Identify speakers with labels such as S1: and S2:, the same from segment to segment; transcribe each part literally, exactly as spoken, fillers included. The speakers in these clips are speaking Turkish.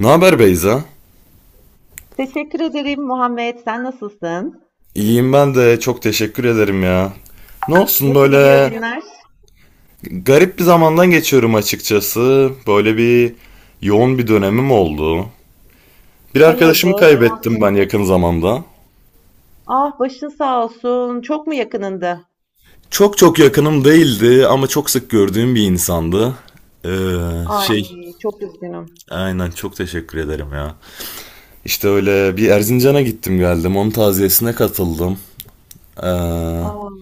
S1: Ne haber Beyza?
S2: Teşekkür ederim Muhammed. Sen nasılsın?
S1: İyiyim ben de çok teşekkür ederim ya. Ne olsun
S2: Nasıl gidiyor
S1: böyle
S2: günler?
S1: garip bir zamandan geçiyorum açıkçası. Böyle bir yoğun bir dönemim oldu. Bir arkadaşımı
S2: Hayırdır?
S1: kaybettim ben yakın zamanda.
S2: Ah başın sağ olsun. Çok mu yakınında?
S1: Çok çok yakınım değildi ama çok sık gördüğüm bir insandı. Ee,
S2: Ay
S1: şey
S2: çok üzgünüm.
S1: aynen çok teşekkür ederim ya. İşte öyle bir Erzincan'a gittim geldim onun taziyesine katıldım. Ee,
S2: Aa,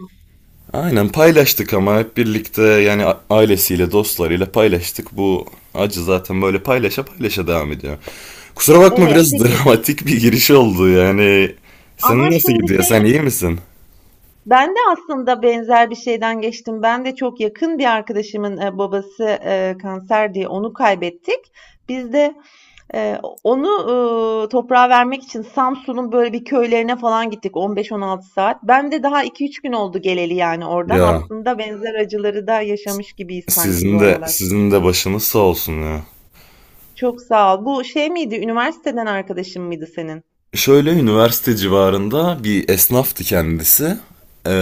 S1: Aynen paylaştık ama hep birlikte yani a- ailesiyle, dostlarıyla paylaştık. Bu acı zaten böyle paylaşa paylaşa devam ediyor. Kusura bakma
S2: evet
S1: biraz
S2: peki,
S1: dramatik bir giriş oldu yani. Senin
S2: ama
S1: nasıl
S2: şimdi
S1: gidiyor? Sen
S2: şey,
S1: iyi misin?
S2: ben de aslında benzer bir şeyden geçtim. Ben de çok yakın bir arkadaşımın e, babası e, kanser diye onu kaybettik. Biz de Ee, onu, ııı, toprağa vermek için Samsun'un böyle bir köylerine falan gittik on beş on altı saat. Ben de daha iki üç gün oldu geleli yani oradan.
S1: Ya
S2: Aslında benzer acıları da yaşamış gibiyiz sanki bu
S1: sizin de
S2: aralar.
S1: sizin de başınız sağ olsun ya.
S2: Çok sağ ol. Bu şey miydi, üniversiteden arkadaşın mıydı senin?
S1: Şöyle üniversite civarında bir esnaftı kendisi. Ee,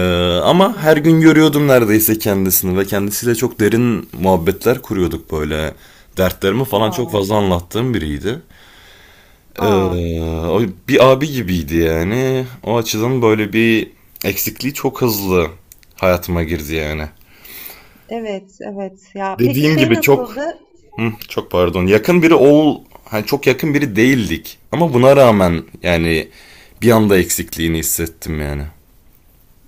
S2: Hı
S1: Ama
S2: hı.
S1: her gün görüyordum neredeyse kendisini ve kendisiyle çok derin muhabbetler kuruyorduk böyle. Dertlerimi falan çok
S2: A!
S1: fazla anlattığım biriydi.
S2: A!
S1: Ee, o bir abi gibiydi yani. O açıdan böyle bir eksikliği çok hızlı hayatıma girdi yani.
S2: Evet, evet. Ya, peki
S1: Dediğim
S2: şey
S1: gibi çok.
S2: nasıldı?
S1: Hı, çok pardon. Yakın biri ol hani çok yakın biri değildik. Ama buna rağmen yani bir anda eksikliğini hissettim yani.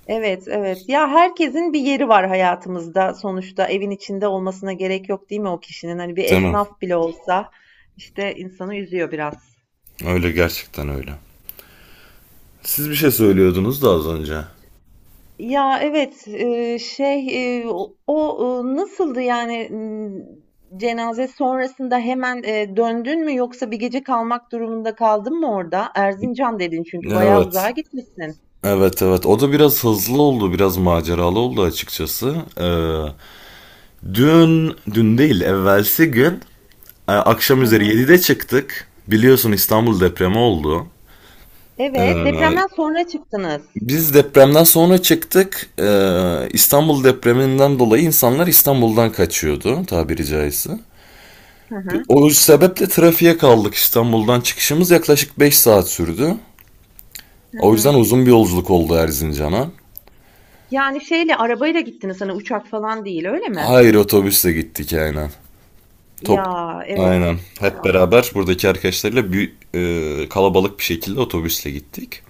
S2: Evet, evet. Ya, herkesin bir yeri var hayatımızda sonuçta. Evin içinde olmasına gerek yok değil mi o kişinin? Hani bir
S1: Tamam.
S2: esnaf bile olsa, işte, insanı üzüyor biraz.
S1: Öyle gerçekten öyle. Siz bir şey söylüyordunuz da az önce.
S2: Ya evet, e, şey e, o o, e, nasıldı yani, m, cenaze sonrasında hemen e, döndün mü yoksa bir gece kalmak durumunda kaldın mı orada? Erzincan dedin çünkü bayağı uzağa
S1: Evet.
S2: gitmişsin.
S1: Evet evet o da biraz hızlı oldu biraz maceralı oldu açıkçası. Ee, dün dün değil evvelsi gün. Ee, Akşam
S2: Hı
S1: üzeri
S2: hı.
S1: yedide çıktık. Biliyorsun İstanbul depremi oldu.
S2: Evet,
S1: Ee,
S2: depremden sonra çıktınız.
S1: biz depremden sonra çıktık. Ee, İstanbul depreminden dolayı insanlar İstanbul'dan kaçıyordu tabiri caizse.
S2: Hı hı,
S1: O sebeple trafiğe kaldık. İstanbul'dan çıkışımız yaklaşık beş saat sürdü.
S2: hı
S1: O
S2: hı.
S1: yüzden uzun bir yolculuk oldu Erzincan'a.
S2: Yani şeyle arabayla gittiniz, hani uçak falan değil, öyle mi?
S1: Hayır otobüsle gittik aynen. Top
S2: Ya evet.
S1: aynen.
S2: Ay
S1: Hep
S2: Allah.
S1: beraber buradaki arkadaşlarıyla bir, e, kalabalık bir şekilde otobüsle gittik.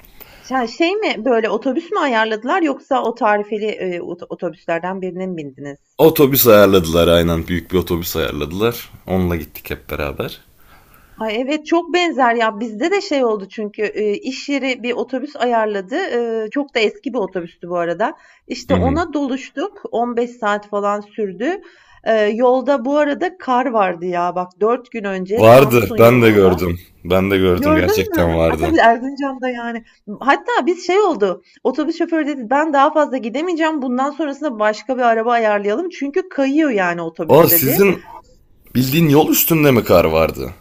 S2: Ya şey mi, böyle otobüs mü ayarladılar yoksa o tarifeli e, ot- otobüslerden birine mi bindiniz?
S1: Otobüs ayarladılar aynen. Büyük bir otobüs ayarladılar. Onunla gittik hep beraber.
S2: Ay, evet, çok benzer ya. Bizde de şey oldu çünkü, eee, iş yeri bir otobüs ayarladı. Eee, çok da eski bir otobüstü bu arada.
S1: Hı
S2: İşte
S1: hı.
S2: ona doluştuk. on beş saat falan sürdü. Eee, yolda bu arada kar vardı ya bak, dört gün önce
S1: Vardı.
S2: Samsun
S1: Ben de
S2: yolunda.
S1: gördüm. Ben de gördüm.
S2: Gördün mü?
S1: Gerçekten
S2: A,
S1: vardı.
S2: tabii Erzincan'da yani. Hatta biz şey oldu, otobüs şoförü dedi ben daha fazla gidemeyeceğim. Bundan sonrasında başka bir araba ayarlayalım. Çünkü kayıyor yani
S1: O
S2: otobüs dedi.
S1: sizin bildiğin yol üstünde mi kar vardı?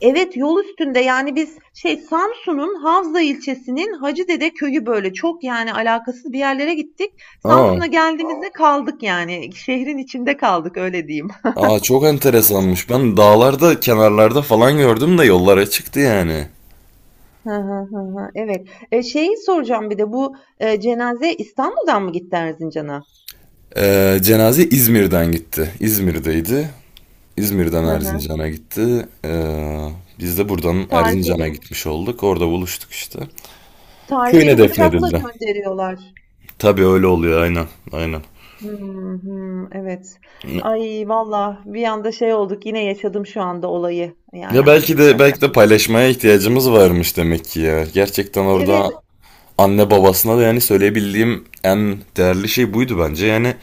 S2: Evet, yol üstünde. Yani, biz şey, Samsun'un Havza ilçesinin Hacıdede köyü, böyle, çok, yani, alakasız bir yerlere gittik.
S1: Aa.
S2: Samsun'a geldiğimizde kaldık, yani, şehrin içinde kaldık, öyle diyeyim.
S1: Aa çok enteresanmış. Ben dağlarda, kenarlarda falan gördüm de yollara çıktı yani.
S2: Hı hı, hı hı. Evet. Eee, şeyi soracağım bir de bu, eee, cenazeye İstanbul'dan mı gitti Erzincan'a?
S1: Ee, cenaze İzmir'den gitti. İzmir'deydi. İzmir'den
S2: Hı hı.
S1: Erzincan'a gitti. Ee, biz de buradan
S2: Tarifeli
S1: Erzincan'a gitmiş olduk. Orada buluştuk işte.
S2: tarifeli
S1: Köyüne
S2: uçakla
S1: defnedildi.
S2: gönderiyorlar.
S1: Tabii öyle oluyor aynen. Aynen.
S2: Hımm, hımm, evet. Ay, vallahi bir anda şey olduk, yine yaşadım şu anda olayı.
S1: Ya
S2: Yani,
S1: belki de
S2: yapacak bir
S1: belki de
S2: şey yok.
S1: paylaşmaya ihtiyacımız varmış demek ki ya. Gerçekten
S2: Evet.
S1: orada anne babasına da yani söyleyebildiğim en değerli şey buydu bence. Yani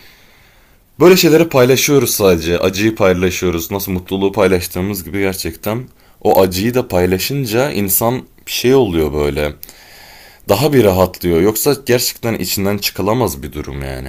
S1: böyle şeyleri paylaşıyoruz sadece. Acıyı paylaşıyoruz. Nasıl mutluluğu paylaştığımız gibi gerçekten o acıyı da paylaşınca insan bir şey oluyor böyle. Daha bir rahatlıyor. Yoksa gerçekten içinden çıkılamaz bir durum yani.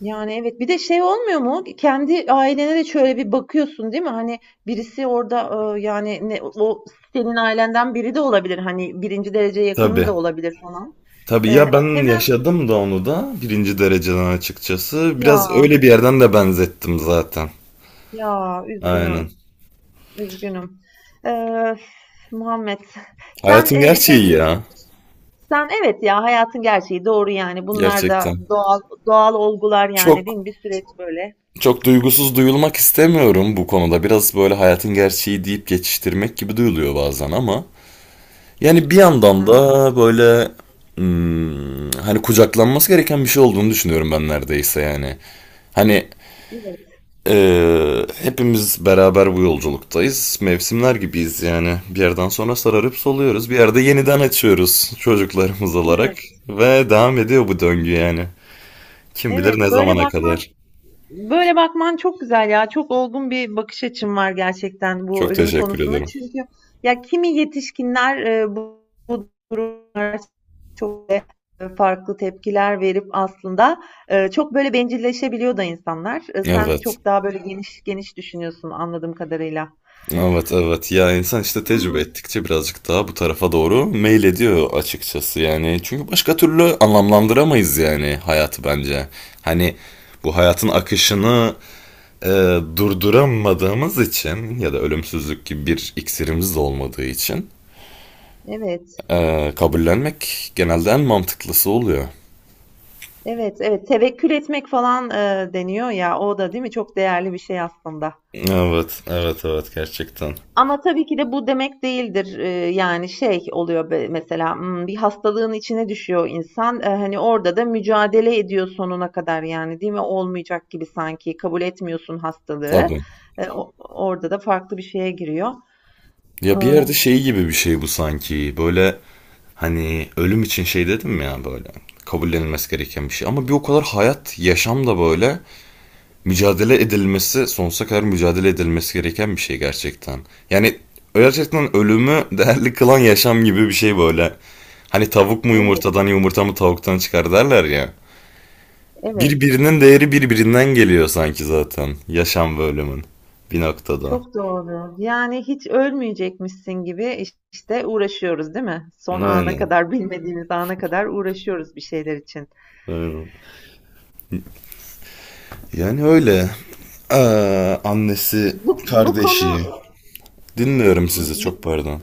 S2: Yani, evet. Bir de şey olmuyor mu? Kendi ailene de şöyle bir bakıyorsun, değil mi? Hani, birisi orada, ııı, yani, ne o senin ailenden biri de olabilir, hani, birinci derece yakının
S1: Tabii.
S2: da olabilir falan.
S1: Tabii
S2: Eee,
S1: ya ben
S2: hemen.
S1: yaşadım da onu da birinci dereceden açıkçası.
S2: Ya,
S1: Biraz öyle bir yerden de benzettim zaten.
S2: ya,
S1: Aynen.
S2: üzgünüm, üzgünüm. Eee, Muhammed, sen,
S1: Hayatın
S2: eee, şey,
S1: gerçeği ya.
S2: sen evet ya, hayatın gerçeği, doğru yani. Bunlar da
S1: Gerçekten.
S2: doğal doğal olgular yani, değil
S1: Çok
S2: mi? Bir süreç böyle.
S1: çok duygusuz duyulmak istemiyorum bu konuda. Biraz böyle hayatın gerçeği deyip geçiştirmek gibi duyuluyor bazen ama. Yani bir
S2: Hı
S1: yandan
S2: hı.
S1: da böyle hmm, hani kucaklanması gereken bir şey olduğunu düşünüyorum ben neredeyse yani. Hani
S2: Evet,
S1: Ee, hepimiz beraber bu yolculuktayız. Mevsimler gibiyiz yani. Bir yerden sonra sararıp soluyoruz. Bir yerde yeniden açıyoruz çocuklarımız olarak.
S2: evet.
S1: Ve devam ediyor bu döngü yani. Kim bilir ne
S2: Evet, böyle
S1: zamana
S2: bakman
S1: kadar.
S2: Böyle bakman çok güzel ya. Çok olgun bir bakış açın var gerçekten bu
S1: Çok
S2: ölüm
S1: teşekkür
S2: konusuna.
S1: ederim.
S2: Çünkü ya kimi yetişkinler e, bu, bu duruma çok e, farklı tepkiler verip aslında e, çok böyle bencilleşebiliyor da insanlar. E, sen
S1: Evet.
S2: çok daha böyle geniş geniş düşünüyorsun anladığım kadarıyla.
S1: Evet evet ya insan işte tecrübe
S2: Hmm.
S1: ettikçe birazcık daha bu tarafa doğru meyil ediyor açıkçası yani. Çünkü başka türlü anlamlandıramayız yani hayatı bence. Hani bu hayatın akışını e, durduramadığımız için ya da ölümsüzlük gibi bir iksirimiz de olmadığı için
S2: Evet,
S1: e, kabullenmek genelde en mantıklısı oluyor.
S2: evet, evet. Tevekkül etmek falan e, deniyor ya. O da değil mi? Çok değerli bir şey aslında.
S1: Evet, evet, evet gerçekten.
S2: Ama tabii ki de bu demek değildir. Eee, yani şey oluyor, be- mesela hmm, bir hastalığın içine düşüyor insan. Eh, hani orada da mücadele ediyor sonuna kadar yani, değil mi? Olmayacak gibi sanki kabul etmiyorsun hastalığı.
S1: Tabii.
S2: Eh, o- orada da farklı bir şeye giriyor.
S1: Ya bir
S2: Ah,
S1: yerde şey gibi bir şey bu sanki. Böyle hani ölüm için şey dedim ya böyle. Kabullenilmesi gereken bir şey. Ama bir o kadar hayat, yaşam da böyle. Mücadele edilmesi, sonsuza kadar mücadele edilmesi gereken bir şey gerçekten. Yani gerçekten ölümü değerli kılan yaşam gibi bir şey böyle. Hani tavuk mu
S2: evet,
S1: yumurtadan, yumurta mı tavuktan çıkar derler ya.
S2: evet.
S1: Birbirinin değeri birbirinden geliyor sanki zaten. Yaşam ve ölümün. Bir noktada.
S2: Çok doğru. Yani hiç ölmeyecekmişsin gibi iş- işte uğraşıyoruz değil mi? Son ana
S1: Aynen.
S2: kadar, bilmediğimiz ana kadar uğraşıyoruz bir şeyler için.
S1: Aynen. Yani öyle. Ee, annesi,
S2: Bu, bu konu
S1: kardeşi. Dinliyorum sizi çok pardon.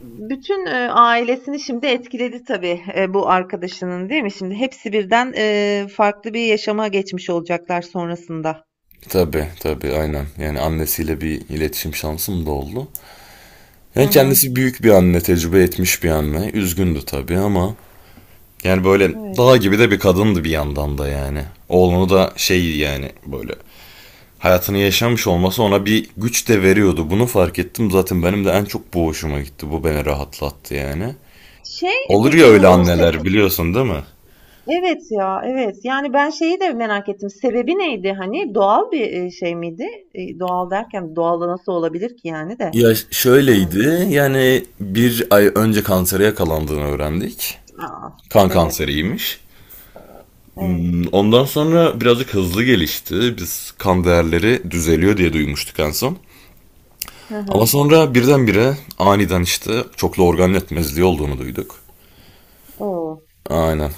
S2: Bütün, eee, ailesini şimdi etkiledi tabii, eee, bu arkadaşının, değil mi? Şimdi hepsi birden, eee, farklı bir yaşama geçmiş olacaklar sonrasında.
S1: Tabii tabii aynen. Yani annesiyle bir iletişim şansım da oldu.
S2: Hı
S1: Yani
S2: hı.
S1: kendisi büyük bir anne, tecrübe etmiş bir anne. Üzgündü tabii ama yani böyle
S2: Evet.
S1: dağ gibi de bir kadındı bir yandan da yani. Oğlunu da şey yani böyle hayatını yaşamış olması ona bir güç de veriyordu. Bunu fark ettim zaten benim de en çok bu hoşuma gitti. Bu beni rahatlattı yani.
S2: Şey, e,
S1: Olur ya
S2: peki
S1: öyle
S2: bu, ııı, sep
S1: anneler biliyorsun değil mi?
S2: Evet ya, evet. Yani ben şeyi de merak ettim. Sebebi neydi hani? Doğal bir, eee, şey miydi? İii, doğal derken doğal da nasıl olabilir ki yani de?
S1: Ya
S2: Hıı.
S1: şöyleydi yani bir ay önce kansere yakalandığını öğrendik.
S2: A!
S1: Kan
S2: Evet,
S1: kanseriymiş.
S2: evet.
S1: Ondan sonra birazcık hızlı gelişti. Biz kan değerleri düzeliyor diye duymuştuk en son.
S2: Hı
S1: Ama
S2: hı.
S1: sonra birdenbire aniden işte çoklu organ yetmezliği olduğunu duyduk.
S2: O!
S1: Aynen.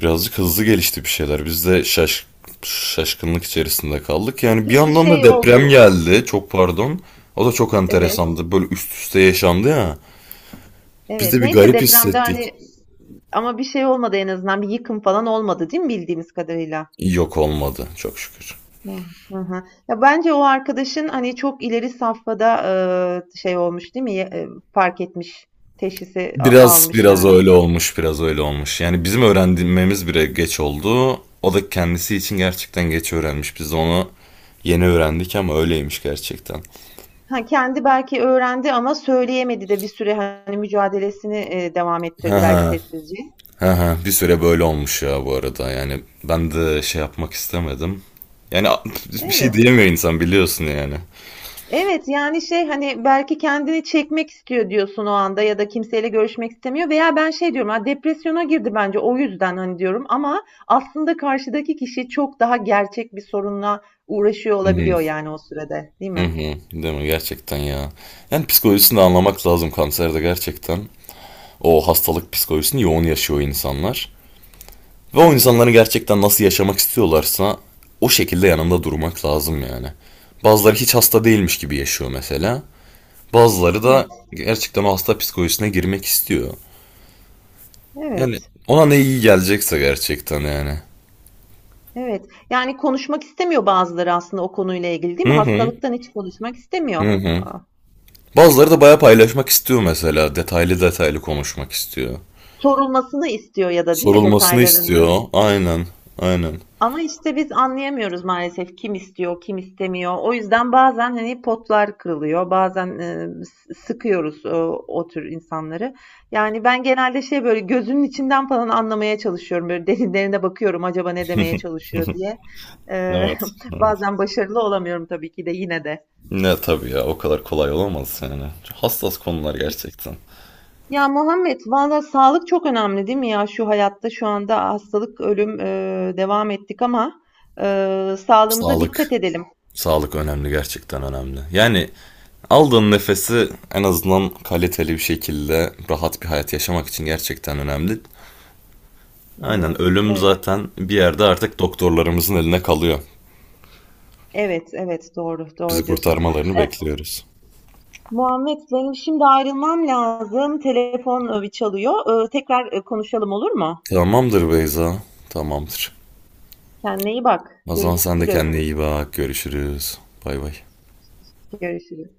S1: Birazcık hızlı gelişti bir şeyler. Biz de şaş şaşkınlık içerisinde kaldık. Yani bir
S2: Peki
S1: yandan da
S2: şey
S1: deprem
S2: oldu.
S1: geldi. Çok pardon. O da çok
S2: Evet,
S1: enteresandı. Böyle üst üste yaşandı ya. Biz
S2: evet.
S1: de bir
S2: Neyse,
S1: garip
S2: depremde
S1: hissettik.
S2: hani. Ama bir şey olmadı en azından. Bir yıkım falan olmadı, değil mi bildiğimiz kadarıyla?
S1: Yok olmadı çok şükür.
S2: Hı hı. Hı. Ya bence o arkadaşın hani çok ileri safhada e, şey olmuş değil mi? Ya- e, fark etmiş, teşhisi a-
S1: Biraz
S2: almış
S1: biraz
S2: yani.
S1: öyle olmuş, biraz öyle olmuş. Yani bizim öğrenmemiz bile geç oldu. O da kendisi için gerçekten geç öğrenmiş. Biz de onu yeni öğrendik ama öyleymiş gerçekten.
S2: Ha, kendi belki öğrendi ama söyleyemedi de bir süre hani mücadelesini e, devam
S1: Ha
S2: ettirdi belki
S1: ha
S2: sessizce.
S1: ha ha. Bir süre böyle olmuş ya bu arada. Yani ben de şey yapmak istemedim. Yani a- bir şey
S2: Evet.
S1: diyemiyor insan biliyorsun yani.
S2: Evet, yani, şey, hani, belki kendini çekmek istiyor diyorsun o anda ya da kimseyle görüşmek istemiyor, veya ben şey diyorum, "A, depresyona girdi bence o yüzden." hani, diyorum ama aslında karşıdaki kişi çok daha gerçek bir sorunla uğraşıyor
S1: Hı hı,
S2: olabiliyor, yani, o sürede, değil
S1: hı
S2: mi?
S1: hı. Değil mi? Gerçekten ya. Yani psikolojisini de anlamak lazım kanserde gerçekten. O hastalık psikolojisini yoğun yaşıyor insanlar. Ve o
S2: Evet,
S1: insanların gerçekten nasıl yaşamak istiyorlarsa o şekilde yanında durmak lazım yani. Bazıları hiç hasta değilmiş gibi yaşıyor mesela. Bazıları
S2: evet,
S1: da gerçekten o hasta psikolojisine girmek istiyor. Yani
S2: evet,
S1: ona ne iyi gelecekse gerçekten yani.
S2: evet. Yani, konuşmak istemiyor bazıları aslında o konuyla ilgili, değil mi?
S1: Hı hı.
S2: Hastalıktan hiç konuşmak istemiyor.
S1: Hı hı.
S2: A,
S1: Bazıları da bayağı paylaşmak istiyor mesela. Detaylı detaylı konuşmak istiyor.
S2: sorulmasını istiyor ya da, değil mi,
S1: Sorulmasını
S2: detaylarını?
S1: istiyor. Aynen. Aynen.
S2: Ama işte biz anlayamıyoruz maalesef kim istiyor, kim istemiyor. O yüzden bazen hani potlar kırılıyor, bazen e, sıkıyoruz e, o tür insanları. Yani ben genelde şey böyle gözünün içinden falan anlamaya çalışıyorum. Böyle derinlerine bakıyorum acaba ne demeye çalışıyor diye. E,
S1: Evet. Evet.
S2: bazen başarılı olamıyorum tabii ki de yine de.
S1: Ne tabii ya o kadar kolay olamaz yani. Çok hassas konular gerçekten.
S2: Ya Muhammed, valla sağlık çok önemli değil mi ya, şu hayatta şu anda hastalık, ölüm e, devam ettik ama e, sağlığımıza dikkat
S1: Sağlık.
S2: edelim.
S1: Sağlık önemli gerçekten önemli. Yani aldığın nefesi en azından kaliteli bir şekilde rahat bir hayat yaşamak için gerçekten önemli. Aynen
S2: Evet,
S1: ölüm
S2: evet.
S1: zaten bir yerde artık doktorlarımızın eline kalıyor.
S2: Evet, evet, doğru,
S1: Bizi
S2: doğru diyorsun.
S1: kurtarmalarını
S2: Eee,
S1: bekliyoruz.
S2: Muhammed benim şimdi ayrılmam lazım. Telefon, eee, çalıyor. Eee, tekrar, eee, konuşalım olur mu?
S1: Tamamdır Beyza. Tamamdır.
S2: Kendine iyi bak.
S1: Azan sen de
S2: Görüşürüz.
S1: kendine iyi bak. Görüşürüz. Bay bay.
S2: Görüşürüz.